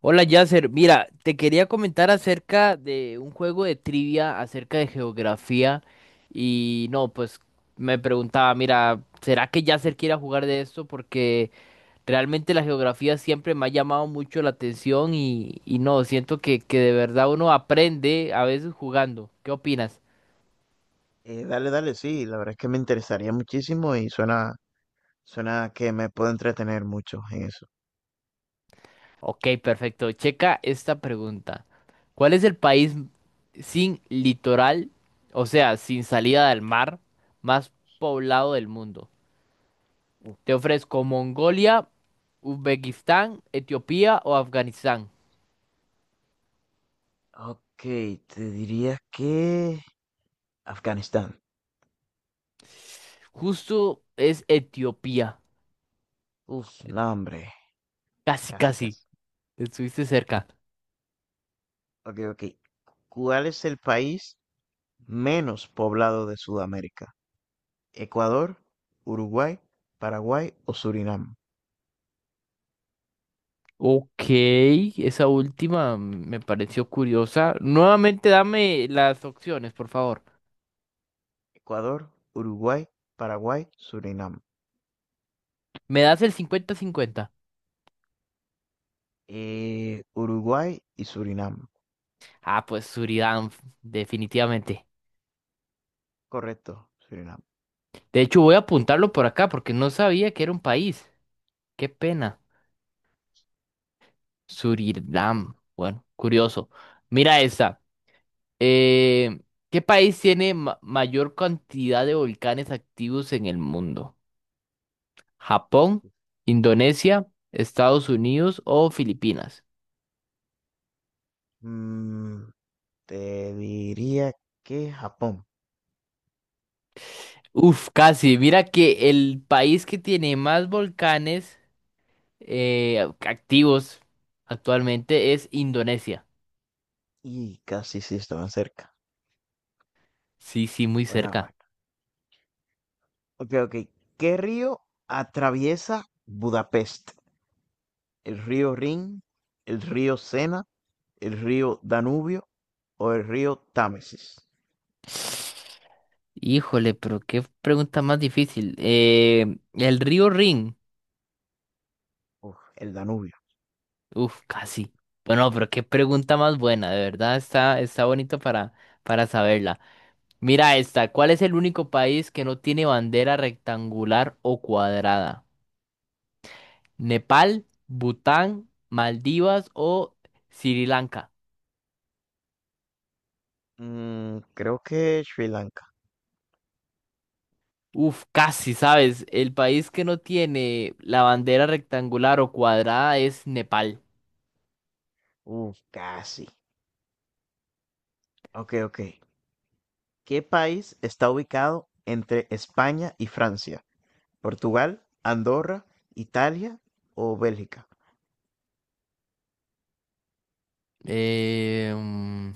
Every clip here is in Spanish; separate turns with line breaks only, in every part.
Hola Yasser, mira, te quería comentar acerca de un juego de trivia acerca de geografía y no, pues me preguntaba, mira, ¿será que Yasser quiera jugar de esto? Porque realmente la geografía siempre me ha llamado mucho la atención y no, siento que de verdad uno aprende a veces jugando. ¿Qué opinas?
Dale, dale, sí, la verdad es que me interesaría muchísimo y suena que me puedo entretener mucho en eso.
Ok, perfecto. Checa esta pregunta. ¿Cuál es el país sin litoral, o sea, sin salida del mar, más poblado del mundo?
Uf,
Te ofrezco Mongolia, Uzbekistán, Etiopía o Afganistán.
ok, te diría que Afganistán.
Justo es Etiopía.
Uf, no, hombre,
Casi,
casi,
casi.
casi.
Estuviste cerca.
Ok, ok. ¿Cuál es el país menos poblado de Sudamérica? ¿Ecuador, Uruguay, Paraguay o Surinam?
Ok, esa última me pareció curiosa. Nuevamente dame las opciones, por favor.
Ecuador, Uruguay, Paraguay, Surinam.
¿Me das el 50-50?
Uruguay y Surinam.
Ah, pues Surinam, definitivamente.
Correcto, Surinam.
De hecho, voy a apuntarlo por acá porque no sabía que era un país. Qué pena. Surinam. Bueno, curioso. Mira esta. Eh, ¿Qué país tiene mayor cantidad de volcanes activos en el mundo? ¿Japón, Indonesia, Estados Unidos o Filipinas?
Mm, Te diría que Japón.
Uf, casi. Mira que el país que tiene más volcanes activos actualmente es Indonesia.
Y casi sí estaban cerca.
Sí, sí, muy
Bueno, bueno.
cerca.
Ok, ok. ¿Qué río atraviesa Budapest? ¿El río Rin, el río Sena, el río Danubio o el río Támesis?
Híjole, pero qué pregunta más difícil. El río Rin.
Uf, el Danubio.
Uf, casi. Bueno, pero qué pregunta más buena, de verdad está bonito para saberla. Mira esta, ¿cuál es el único país que no tiene bandera rectangular o cuadrada? ¿Nepal, Bután, Maldivas o Sri Lanka?
Creo que Sri Lanka.
Uf, casi, ¿sabes? El país que no tiene la bandera rectangular o cuadrada es Nepal.
Casi. Ok, ok. ¿Qué país está ubicado entre España y Francia? ¿Portugal, Andorra, Italia o Bélgica?
Eh, mm,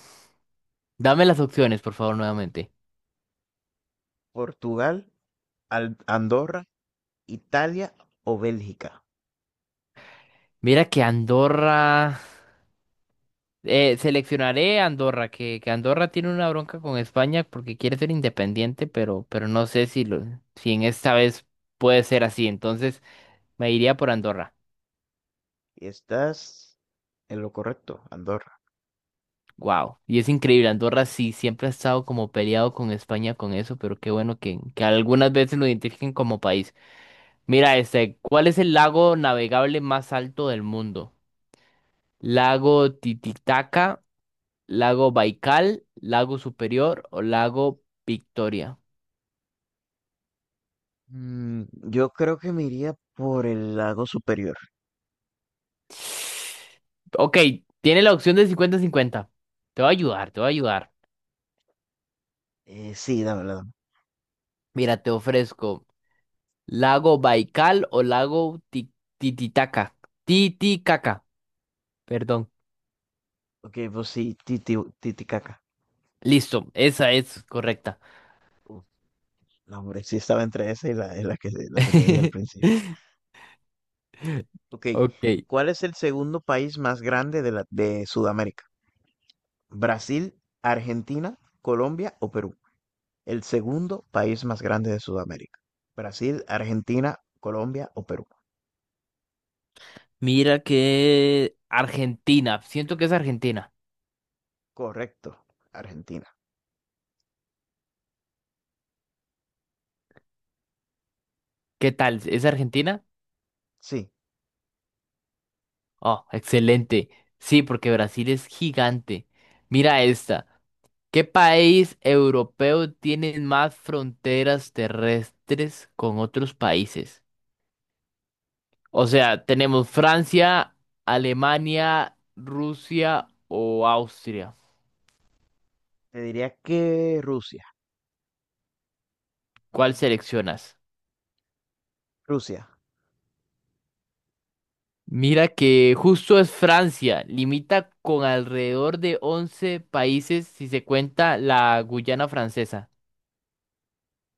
Dame las opciones, por favor, nuevamente.
Portugal, Andorra, Italia o Bélgica.
Mira que Andorra. Seleccionaré Andorra, que Andorra tiene una bronca con España porque quiere ser independiente, pero no sé si en esta vez puede ser así. Entonces me iría por Andorra.
Y estás en lo correcto, Andorra.
Wow. Y es increíble, Andorra sí siempre ha estado como peleado con España con eso, pero qué bueno que algunas veces lo identifiquen como país. Mira, este, ¿cuál es el lago navegable más alto del mundo? ¿Lago Titicaca, lago Baikal, lago Superior o lago Victoria?
Mm, yo creo que me iría por el lago superior.
Ok, tiene la opción de 50-50. Te voy a ayudar, te voy a ayudar.
Sí, dame, la dame.
Mira, te ofrezco lago Baikal o lago Tititaca. Titicaca, perdón.
Ok, pues sí, Titicaca.
Listo, esa es correcta.
Uf, no, hombre, sí estaba entre esa y la que te dije al principio. Ok,
Ok,
¿cuál es el segundo país más grande de, la, de Sudamérica? ¿Brasil, Argentina, Colombia o Perú? El segundo país más grande de Sudamérica. Brasil, Argentina, Colombia o Perú.
mira que Argentina. Siento que es Argentina.
Correcto, Argentina.
¿Qué tal? ¿Es Argentina?
Sí,
Oh, excelente. Sí, porque Brasil es gigante. Mira esta. ¿Qué país europeo tiene más fronteras terrestres con otros países? O sea, tenemos Francia, Alemania, Rusia o Austria.
te diría que Rusia.
¿Cuál seleccionas?
Rusia.
Mira que justo es Francia, limita con alrededor de 11 países si se cuenta la Guyana francesa.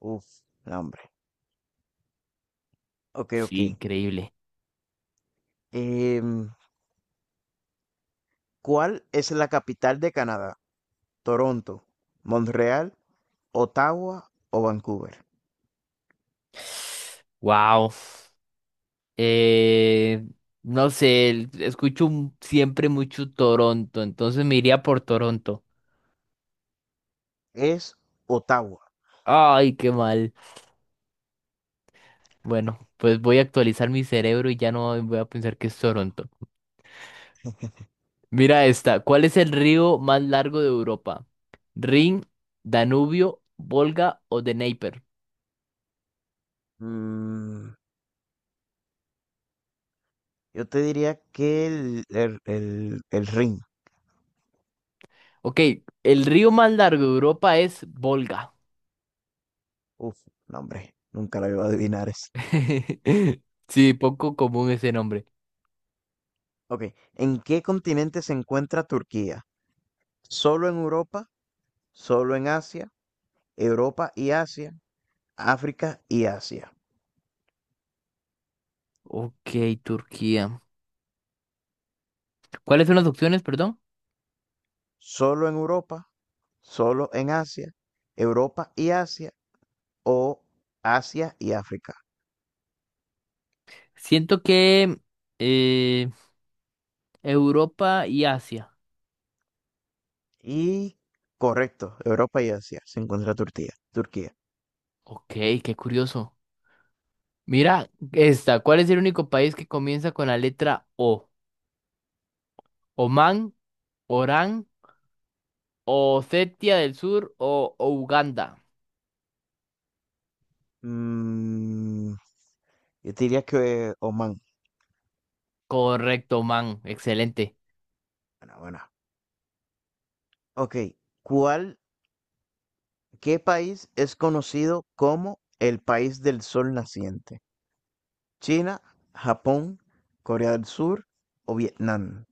Uf, no, hombre. Okey,
Sí,
okey.
increíble.
Em, ¿Cuál es la capital de Canadá? ¿Toronto, Montreal, Ottawa o Vancouver?
Wow. Eh, no sé, escucho siempre mucho Toronto, entonces me iría por Toronto.
Es Ottawa.
Ay, qué mal. Bueno, pues voy a actualizar mi cerebro y ya no voy a pensar que es Toronto. Mira esta, ¿cuál es el río más largo de Europa? ¿Rin, Danubio, Volga o Dnieper?
Mm, yo te diría que el Rin.
Ok, el río más largo de Europa es Volga.
Uf, no, hombre, nunca la iba a adivinar esa.
Sí, poco común ese nombre.
Okey, ¿en qué continente se encuentra Turquía? ¿Solo en Europa, solo en Asia, Europa y Asia, África y Asia?
Ok, Turquía. ¿Cuáles son las opciones, perdón?
Solo en Europa, solo en Asia, Europa y Asia o Asia y África.
Siento que eh, Europa y Asia.
Y correcto, Europa y Asia se encuentra Turquía. Turquía.
Ok, qué curioso. Mira esta. ¿Cuál es el único país que comienza con la letra O? ¿Oman, Orán, Osetia del Sur o Uganda?
Mm, yo te diría que Oman.
Correcto, man. Excelente.
Bueno, bueno. Ok, ¿cuál, qué país es conocido como el país del sol naciente? China, Japón, Corea del Sur o Vietnam.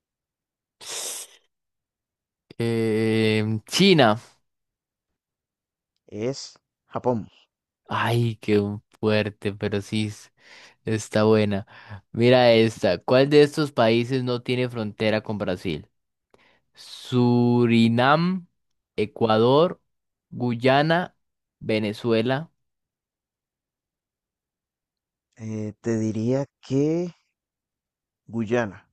Em, China.
Es Japón.
Ay, qué fuerte, pero sí está buena. Mira esta. ¿Cuál de estos países no tiene frontera con Brasil? Surinam, Ecuador, Guyana, Venezuela.
Te diría que Guyana.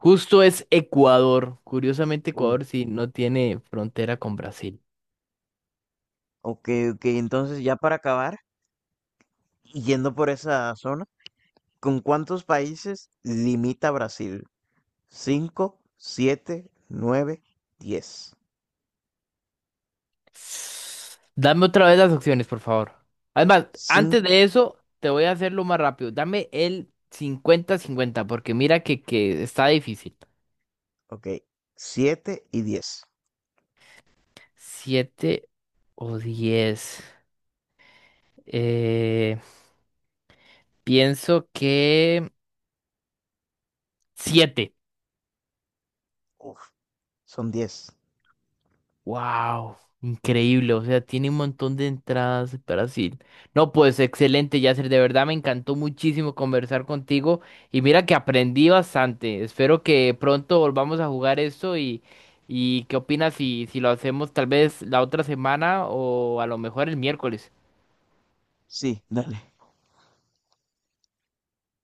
Justo es Ecuador. Curiosamente,
Uh,
Ecuador sí no tiene frontera con Brasil.
Ok, ok, entonces ya para acabar, y yendo por esa zona, ¿con cuántos países limita Brasil? Cinco, siete, nueve, 10.
Dame otra vez las opciones, por favor. Además,
Cinco,
antes de eso, te voy a hacerlo más rápido. Dame el 50-50, porque mira que está difícil.
ok, siete y 10.
7 o 10. Eh, pienso que 7.
Uf, son 10.
Wow, increíble, o sea, tiene un montón de entradas Brasil. No, pues excelente, Yasser, de verdad me encantó muchísimo conversar contigo y mira que aprendí bastante. Espero que pronto volvamos a jugar esto y ¿qué opinas si lo hacemos tal vez la otra semana o a lo mejor el miércoles?
Sí, dale.